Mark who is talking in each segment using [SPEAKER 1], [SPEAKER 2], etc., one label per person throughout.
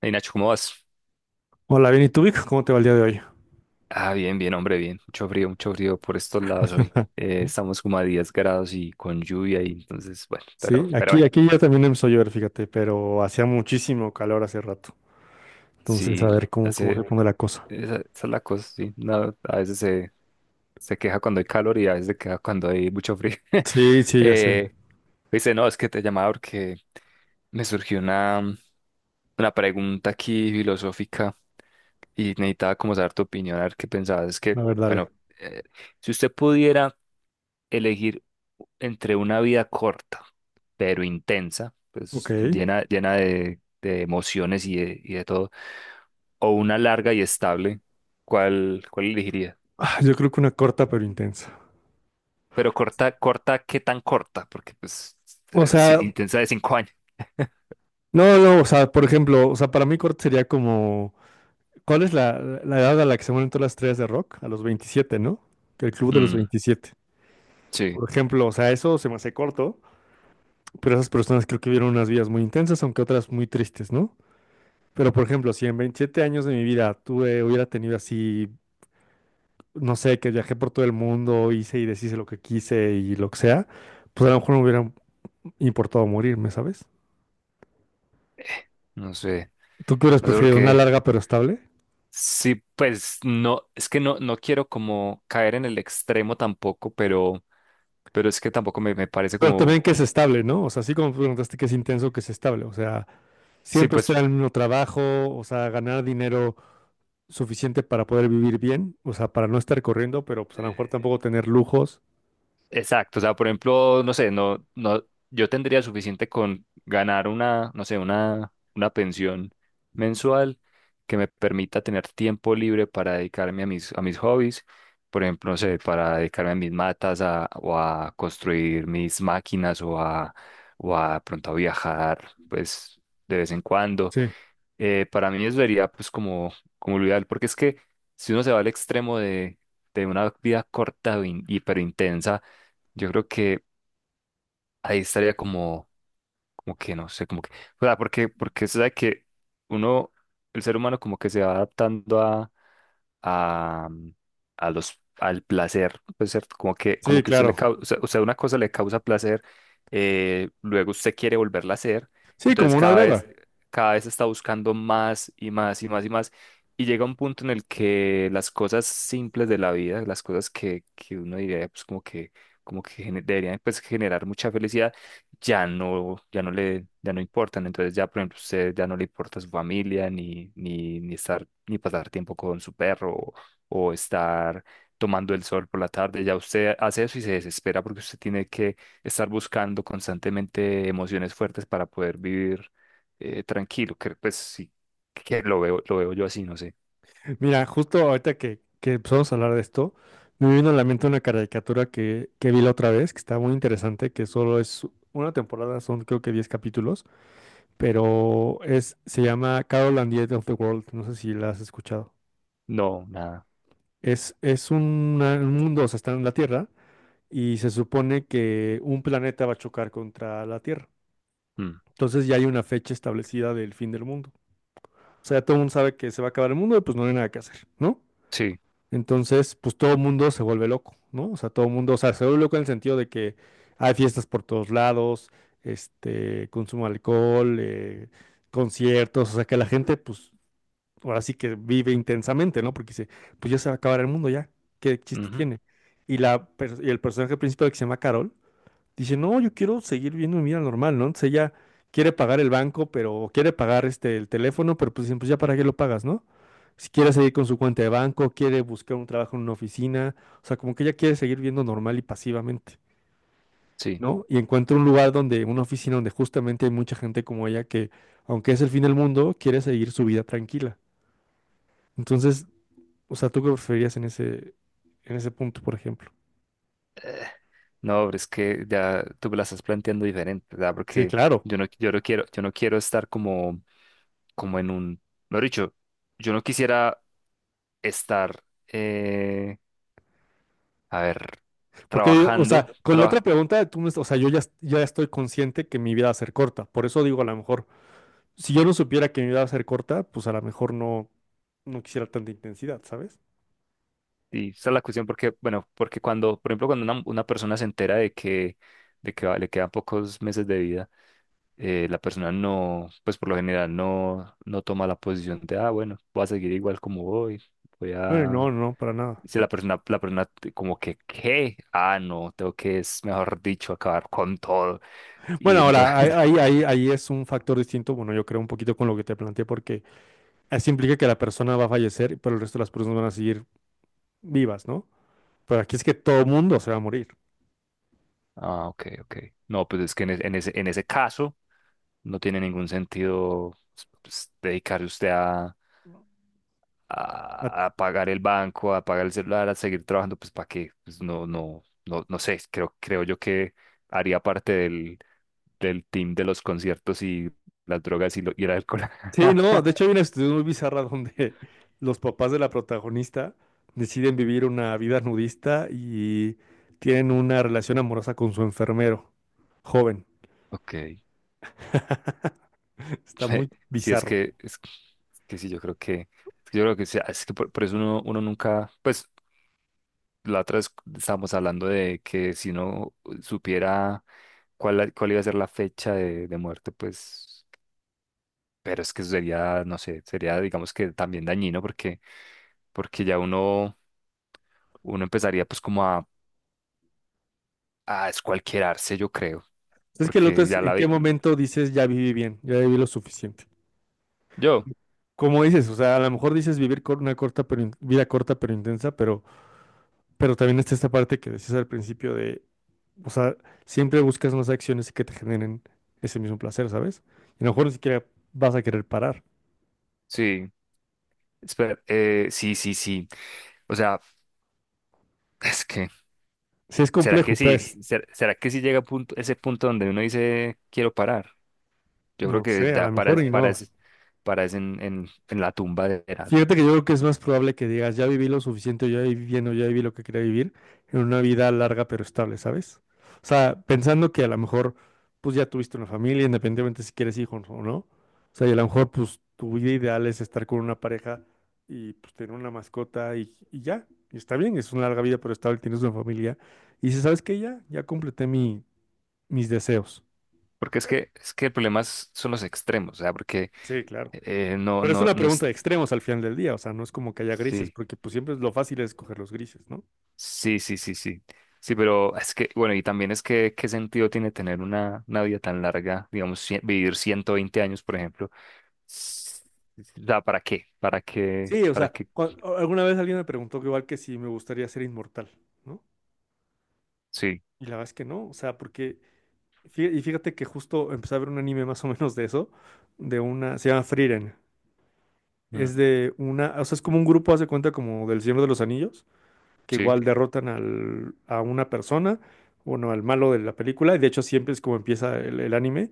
[SPEAKER 1] Hey Nacho, ¿cómo vas?
[SPEAKER 2] Hola, bien, ¿y tú, Vic? ¿Cómo te va el día de hoy?
[SPEAKER 1] Ah, bien, bien, hombre, bien. Mucho frío por estos lados hoy. Estamos como a 10 grados y con lluvia y entonces, bueno,
[SPEAKER 2] Sí,
[SPEAKER 1] pero
[SPEAKER 2] aquí,
[SPEAKER 1] bueno,
[SPEAKER 2] aquí ya también empezó a llover, fíjate, pero hacía muchísimo calor hace rato. Entonces,
[SPEAKER 1] sí,
[SPEAKER 2] a ver cómo, cómo se
[SPEAKER 1] hace,
[SPEAKER 2] pone la cosa.
[SPEAKER 1] esa es la cosa, sí. No, a veces se, se queja cuando hay calor y a veces se queja cuando hay mucho frío.
[SPEAKER 2] Sí, sí, ya sé. A
[SPEAKER 1] Eh, Dice, no, es que te llamaba porque me surgió una pregunta aquí filosófica y necesitaba como saber tu opinión, a ver qué pensabas. Es que,
[SPEAKER 2] ver, dale.
[SPEAKER 1] bueno, eh, si usted pudiera elegir entre una vida corta, pero intensa,
[SPEAKER 2] Ok.
[SPEAKER 1] pues llena, llena de emociones y de todo, o una larga y estable, ¿cuál, cuál elegiría?
[SPEAKER 2] Ah, yo creo que una corta pero intensa.
[SPEAKER 1] Pero corta, corta, ¿qué tan corta? Porque pues
[SPEAKER 2] O
[SPEAKER 1] sí,
[SPEAKER 2] sea,
[SPEAKER 1] intensa de cinco años.
[SPEAKER 2] no, no, o sea, por ejemplo, o sea, para mí corta sería como, ¿cuál es la edad a la que se mueren todas las estrellas de rock? A los 27, ¿no? Que El club de los
[SPEAKER 1] Mm,
[SPEAKER 2] 27.
[SPEAKER 1] sí,
[SPEAKER 2] Por ejemplo, o sea, eso se me hace corto, pero esas personas creo que vieron unas vidas muy intensas, aunque otras muy tristes, ¿no? Pero, por ejemplo, si en 27 años de mi vida tuve, hubiera tenido así, no sé, que viajé por todo el mundo, hice y deshice lo que quise y lo que sea, pues a lo mejor no me hubiera importado morirme, ¿sabes?
[SPEAKER 1] no sé,
[SPEAKER 2] ¿Tú qué hubieras
[SPEAKER 1] no sé por
[SPEAKER 2] preferido? ¿Una
[SPEAKER 1] qué.
[SPEAKER 2] larga pero estable?
[SPEAKER 1] Sí, pues no, es que no, no quiero como caer en el extremo tampoco, pero es que tampoco me, me parece
[SPEAKER 2] Pero
[SPEAKER 1] como,
[SPEAKER 2] también que es
[SPEAKER 1] como-
[SPEAKER 2] estable, ¿no? O sea, así como tú preguntaste que es intenso, que es estable. O sea,
[SPEAKER 1] sí,
[SPEAKER 2] siempre
[SPEAKER 1] pues
[SPEAKER 2] estar en el mismo trabajo, o sea, ganar dinero suficiente para poder vivir bien, o sea, para no estar corriendo, pero pues a lo mejor tampoco tener lujos.
[SPEAKER 1] exacto, o sea, por ejemplo, no sé, no, no, yo tendría suficiente con ganar una, no sé, una pensión mensual que me permita tener tiempo libre para dedicarme a mis hobbies, por ejemplo, no sé, para dedicarme a mis matas a- o a construir mis máquinas o a pronto a viajar, pues, de vez en cuando
[SPEAKER 2] Sí,
[SPEAKER 1] para mí eso sería pues como, como lo ideal, porque es que si uno se va al extremo de una vida corta o in- hiperintensa, yo creo que ahí estaría como, como que no sé, como que, o sea, porque, porque se sabe que uno, el ser humano como que se va adaptando a, a los, al placer, pues, ¿cierto? Como
[SPEAKER 2] sí,
[SPEAKER 1] que usted le
[SPEAKER 2] claro.
[SPEAKER 1] causa, o sea, una cosa le causa placer, luego usted quiere volverla a hacer,
[SPEAKER 2] Sí, como
[SPEAKER 1] entonces
[SPEAKER 2] una droga.
[SPEAKER 1] cada vez está buscando más y más y más y más, y llega un punto en el que las cosas simples de la vida, las cosas que uno diría, pues como que gene- deberían pues, generar mucha felicidad, ya no, ya no le, ya no importan. Entonces ya, por ejemplo, usted ya no le importa su familia, ni, ni, ni estar, ni pasar tiempo con su perro, o estar tomando el sol por la tarde. Ya usted hace eso y se desespera porque usted tiene que estar buscando constantemente emociones fuertes para poder vivir tranquilo. Que, pues sí, que lo veo yo así, no sé.
[SPEAKER 2] Mira, justo ahorita que empezamos a hablar de esto, me vino a la mente una caricatura que vi la otra vez, que está muy interesante, que solo es una temporada, son creo que 10 capítulos, pero es, se llama Carol and the End of the World, no sé si la has escuchado.
[SPEAKER 1] No, nada.
[SPEAKER 2] Es una un mundo, o sea, está en la Tierra y se supone que un planeta va a chocar contra la Tierra.
[SPEAKER 1] Mm,
[SPEAKER 2] Entonces ya hay una fecha establecida del fin del mundo. O sea, ya todo el mundo sabe que se va a acabar el mundo y pues no hay nada que hacer, ¿no?
[SPEAKER 1] sí,
[SPEAKER 2] Entonces, pues todo el mundo se vuelve loco, ¿no? O sea, todo el mundo, o sea, se vuelve loco en el sentido de que hay fiestas por todos lados, este, consumo de alcohol, conciertos, o sea, que la gente, pues, ahora sí que vive intensamente, ¿no? Porque dice, pues ya se va a acabar el mundo ya, ¿qué chiste
[SPEAKER 1] ujú,
[SPEAKER 2] tiene? Y, la, per- y el personaje principal que se llama Carol, dice, no, yo quiero seguir viendo mi vida normal, ¿no? Entonces ella quiere pagar el banco, pero o quiere pagar este, el teléfono, pero pues, dicen, pues ya para qué lo pagas, ¿no? Si quiere seguir con su cuenta de banco, quiere buscar un trabajo en una oficina, o sea, como que ella quiere seguir viendo normal y pasivamente,
[SPEAKER 1] sí.
[SPEAKER 2] ¿no? Y encuentra un lugar donde, una oficina donde justamente hay mucha gente como ella que, aunque es el fin del mundo, quiere seguir su vida tranquila. Entonces, o sea, ¿tú qué preferirías en ese punto, por ejemplo?
[SPEAKER 1] Eh, No, pero es que ya tú me la estás planteando diferente, ¿verdad?
[SPEAKER 2] Sí,
[SPEAKER 1] Porque
[SPEAKER 2] claro.
[SPEAKER 1] yo no, yo no quiero estar como, como en un, mejor dicho, yo no quisiera estar, eh, a ver,
[SPEAKER 2] Porque, o sea,
[SPEAKER 1] trabajando,
[SPEAKER 2] con la otra
[SPEAKER 1] traba-
[SPEAKER 2] pregunta, tú me- o sea, yo ya, ya estoy consciente que mi vida va a ser corta. Por eso digo, a lo mejor, si yo no supiera que mi vida va a ser corta, pues a lo mejor no, no quisiera tanta intensidad, ¿sabes?
[SPEAKER 1] y esa es la cuestión porque, bueno, porque cuando, por ejemplo, cuando una persona se entera de que va- le quedan pocos meses de vida, la persona no, pues por lo general no, no toma la posición de, ah, bueno, voy a seguir igual como voy, voy
[SPEAKER 2] Ay, no,
[SPEAKER 1] a
[SPEAKER 2] no, para nada.
[SPEAKER 1] si la persona, la persona te- como que, ¿qué? Ah, no, tengo que, es mejor dicho, acabar con todo. Y
[SPEAKER 2] Bueno,
[SPEAKER 1] entonces,
[SPEAKER 2] ahora, ahí, ahí, ahí es un factor distinto. Bueno, yo creo un poquito con lo que te planteé, porque eso implica que la persona va a fallecer, pero el resto de las personas van a seguir vivas, ¿no? Pero aquí es que todo mundo se va a morir.
[SPEAKER 1] ah, ok, ok. No, pues es que en, e- en ese caso no tiene ningún sentido pues, pues, dedicarse usted a pagar el banco, a pagar el celular, a seguir trabajando, pues ¿para qué? Pues no, no, no, no sé, creo, creo yo que haría parte del, del team de los conciertos y las drogas y, lo- y el alcohol.
[SPEAKER 2] Sí, no, de hecho hay una situación muy bizarra donde los papás de la protagonista deciden vivir una vida nudista y tienen una relación amorosa con su enfermero, joven.
[SPEAKER 1] Ok.
[SPEAKER 2] Está muy
[SPEAKER 1] Sí,
[SPEAKER 2] bizarro.
[SPEAKER 1] es que sí, yo creo que, es que yo creo que sí, es que por eso uno, uno nunca, pues la otra vez estábamos hablando de que si uno supiera cuál, la- cuál iba a ser la fecha de muerte, pues, pero es que eso sería, no sé, sería, digamos que también dañino porque, porque ya uno, uno empezaría pues como a escualquierarse, yo creo,
[SPEAKER 2] Es que el otro
[SPEAKER 1] porque
[SPEAKER 2] es,
[SPEAKER 1] ya
[SPEAKER 2] ¿en
[SPEAKER 1] la
[SPEAKER 2] qué
[SPEAKER 1] vi,
[SPEAKER 2] momento dices ya viví bien, ya viví lo suficiente?
[SPEAKER 1] yo,
[SPEAKER 2] Como dices, o sea, a lo mejor dices vivir con una corta pero in- vida corta pero intensa, pero también está esta parte que decías al principio de, o sea, siempre buscas más acciones que te generen ese mismo placer, ¿sabes? Y a lo mejor ni siquiera vas a querer parar.
[SPEAKER 1] sí, espera, sí, sí, sí, o sea, es que...
[SPEAKER 2] Sí, es
[SPEAKER 1] ¿Será
[SPEAKER 2] complejo,
[SPEAKER 1] que sí?
[SPEAKER 2] pues.
[SPEAKER 1] ¿Ser- ¿Será que sí llega a punto, ese punto donde uno dice, quiero parar? Yo
[SPEAKER 2] No
[SPEAKER 1] creo
[SPEAKER 2] lo
[SPEAKER 1] que
[SPEAKER 2] sé, a lo
[SPEAKER 1] ya
[SPEAKER 2] mejor
[SPEAKER 1] paras,
[SPEAKER 2] y no.
[SPEAKER 1] paras, paras en la tumba de edad.
[SPEAKER 2] Fíjate que yo creo que es más probable que digas, ya viví lo suficiente, ya viví bien o ya viví lo que quería vivir, en una vida larga pero estable, ¿sabes? O sea, pensando que a lo mejor, pues ya tuviste una familia, independientemente si quieres hijos o no. O sea, y a lo mejor, pues tu vida ideal es estar con una pareja y pues tener una mascota y ya. Y está bien, es una larga vida pero estable, tienes una familia. Y dices, ¿sabes qué? Ya, ya completé mi, mis deseos.
[SPEAKER 1] Porque es que el problema es- son los extremos, o sea, porque
[SPEAKER 2] Sí, claro.
[SPEAKER 1] no,
[SPEAKER 2] Pero es
[SPEAKER 1] no,
[SPEAKER 2] una
[SPEAKER 1] no es...
[SPEAKER 2] pregunta de extremos al final del día, o sea, no es como que haya grises,
[SPEAKER 1] Sí,
[SPEAKER 2] porque pues siempre es lo fácil es escoger los grises, ¿no?
[SPEAKER 1] sí, sí, sí, sí. Sí, pero es que, bueno, y también es que, ¿qué sentido tiene tener una vida tan larga? Digamos, cien- vivir 120 años, por ejemplo. S- O sea, ¿para qué? ¿Para qué?
[SPEAKER 2] Sí, o
[SPEAKER 1] ¿Para
[SPEAKER 2] sea,
[SPEAKER 1] qué?
[SPEAKER 2] cua- o- alguna vez alguien me preguntó que igual que si me gustaría ser inmortal, ¿no?
[SPEAKER 1] Sí,
[SPEAKER 2] Y la verdad es que no, o sea, porque, fí- y fíjate que justo empecé a ver un anime más o menos de eso, de una, se llama Frieren,
[SPEAKER 1] mm,
[SPEAKER 2] es de una, o sea, es como un grupo, hace cuenta como del Señor de los Anillos, que
[SPEAKER 1] sí,
[SPEAKER 2] igual derrotan al, a una persona, bueno, al malo de la película, y de hecho siempre es como empieza el anime.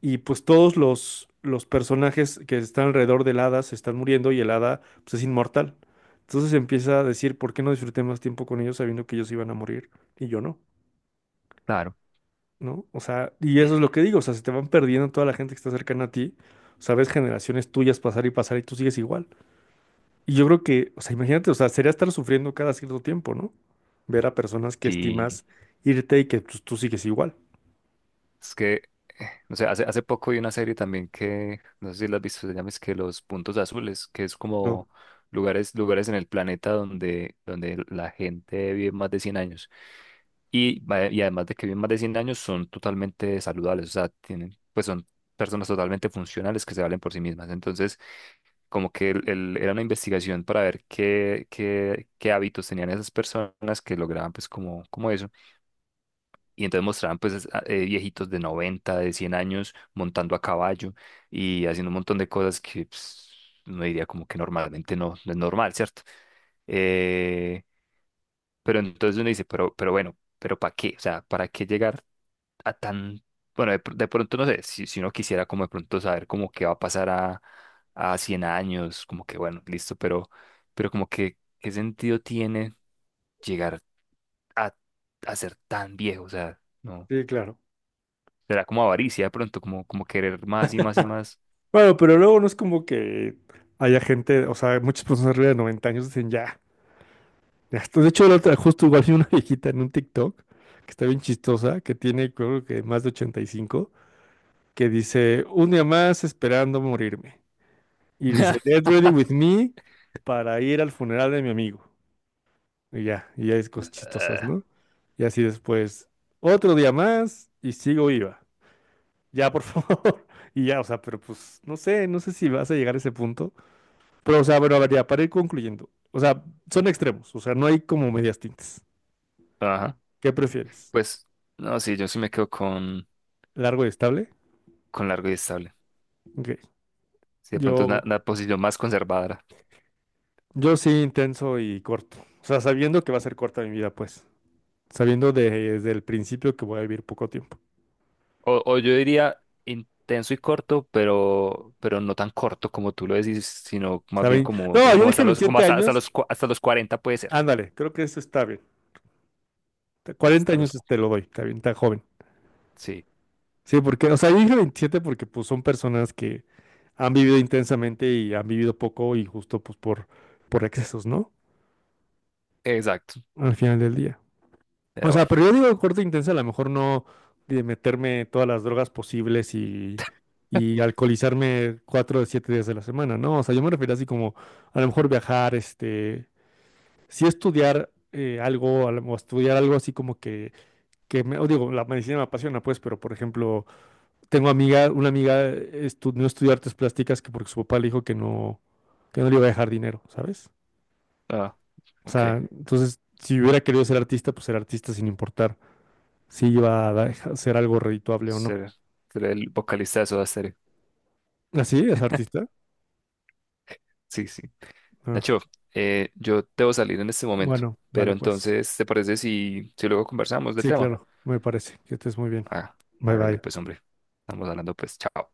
[SPEAKER 2] Y pues todos los personajes que están alrededor del hada se están muriendo y el hada pues, es inmortal. Entonces empieza a decir, ¿por qué no disfruté más tiempo con ellos sabiendo que ellos iban a morir y yo no?
[SPEAKER 1] claro.
[SPEAKER 2] ¿No? O sea, y eso es lo que digo, o sea, se te van perdiendo toda la gente que está cercana a ti, o sea, ves generaciones tuyas pasar y pasar y tú sigues igual. Y yo creo que, o sea, imagínate, o sea, sería estar sufriendo cada cierto tiempo, ¿no? Ver a personas que
[SPEAKER 1] Sí.
[SPEAKER 2] estimas irte y que pues, tú sigues igual.
[SPEAKER 1] Es que, no sé, hace, hace poco vi una serie también que, no sé si la has visto, se llama es que Los Puntos Azules, que es
[SPEAKER 2] No,
[SPEAKER 1] como lugares, lugares en el planeta donde, donde la gente vive más de 100 años. Y, va- y además de que viven más de 100 años, son totalmente saludables, o sea, tienen, pues son personas totalmente funcionales que se valen por sí mismas. Entonces, como que el- era una investigación para ver qué, qué, qué hábitos tenían esas personas que lograban, pues, como, como eso. Y entonces mostraban pues a- viejitos de 90 de 100 años montando a caballo y haciendo un montón de cosas que pues, uno diría como que normalmente no, no es normal, ¿cierto? Eh, pero entonces uno dice, pero bueno, pero ¿para qué? O sea, ¿para qué llegar a tan... Bueno, de, pr- de pronto no sé, si, si uno quisiera como de pronto saber como qué va a pasar a 100 años, como que bueno, listo, pero como que ¿qué sentido tiene llegar a, a ser tan viejo? O sea, no.
[SPEAKER 2] sí, claro.
[SPEAKER 1] Será como avaricia de pronto, como, como querer más y más y más.
[SPEAKER 2] Bueno, pero luego no es como que haya gente, o sea, muchas personas arriba de 90 años dicen ya, ya está. De hecho, la otra, justo igual vi una viejita en un TikTok que está bien chistosa, que tiene creo que más de 85 que dice, un día más esperando morirme. Y dice, get ready with me para ir al funeral de mi amigo. Y ya es cosas chistosas,
[SPEAKER 1] Ah,
[SPEAKER 2] ¿no? Y así después, otro día más y sigo viva. Ya, por favor. Y ya, o sea, pero pues no sé, no sé si vas a llegar a ese punto. Pero, o sea, bueno, a ver, ya, para ir concluyendo. O sea, son extremos, o sea, no hay como medias tintas.
[SPEAKER 1] ajá.
[SPEAKER 2] ¿Qué prefieres?
[SPEAKER 1] Pues, no, sí, yo sí me quedo
[SPEAKER 2] ¿Largo y estable?
[SPEAKER 1] con largo y estable.
[SPEAKER 2] Ok.
[SPEAKER 1] Sí, de pronto es
[SPEAKER 2] Yo,
[SPEAKER 1] una posición más conservadora.
[SPEAKER 2] yo sí intenso y corto. O sea, sabiendo que va a ser corta mi vida, pues. Sabiendo de- desde el principio que voy a vivir poco tiempo.
[SPEAKER 1] O yo diría intenso y corto, pero no tan corto como tú lo decís, sino más bien
[SPEAKER 2] ¿Saben?
[SPEAKER 1] como,
[SPEAKER 2] No, yo
[SPEAKER 1] como
[SPEAKER 2] dije
[SPEAKER 1] hasta los, como
[SPEAKER 2] 27
[SPEAKER 1] hasta, hasta
[SPEAKER 2] años.
[SPEAKER 1] los, cua- hasta los cuarenta puede ser.
[SPEAKER 2] Ándale, creo que eso está bien. Te- 40
[SPEAKER 1] Hasta los,
[SPEAKER 2] años
[SPEAKER 1] cu-
[SPEAKER 2] te lo doy, está bien, está joven.
[SPEAKER 1] sí,
[SPEAKER 2] Sí, porque, o sea, yo dije 27 porque pues son personas que han vivido intensamente y han vivido poco y justo pues por excesos, ¿no?
[SPEAKER 1] exacto.
[SPEAKER 2] Al final del día. O
[SPEAKER 1] Pero
[SPEAKER 2] sea,
[SPEAKER 1] bueno.
[SPEAKER 2] pero yo digo corte intensa, a lo mejor no de meterme todas las drogas posibles y alcoholizarme 4 de 7 días de la semana, ¿no? O sea, yo me refiero así como a lo mejor viajar, este, sí estudiar algo, a lo- o estudiar algo así como que me, o digo, la medicina me apasiona, pues, pero por ejemplo, tengo amiga, una amiga estudió no estudió artes plásticas que porque su papá le dijo que no le iba a dejar dinero, ¿sabes?
[SPEAKER 1] Ah,
[SPEAKER 2] O sea,
[SPEAKER 1] ok.
[SPEAKER 2] entonces, si hubiera querido ser artista, pues ser artista sin importar si iba a da- ser algo redituable o no.
[SPEAKER 1] Ser, ser el vocalista de Soda Stereo.
[SPEAKER 2] Ah, ¿sí, es artista?
[SPEAKER 1] Sí, sí.
[SPEAKER 2] Ah,
[SPEAKER 1] Nacho, yo debo salir en este momento,
[SPEAKER 2] bueno,
[SPEAKER 1] pero
[SPEAKER 2] dale pues.
[SPEAKER 1] entonces, ¿te parece si, si luego conversamos del
[SPEAKER 2] Sí,
[SPEAKER 1] tema?
[SPEAKER 2] claro, me parece. Que estés muy bien.
[SPEAKER 1] Ah,
[SPEAKER 2] Bye
[SPEAKER 1] hágale pues,
[SPEAKER 2] bye.
[SPEAKER 1] hombre. Estamos hablando pues, chao.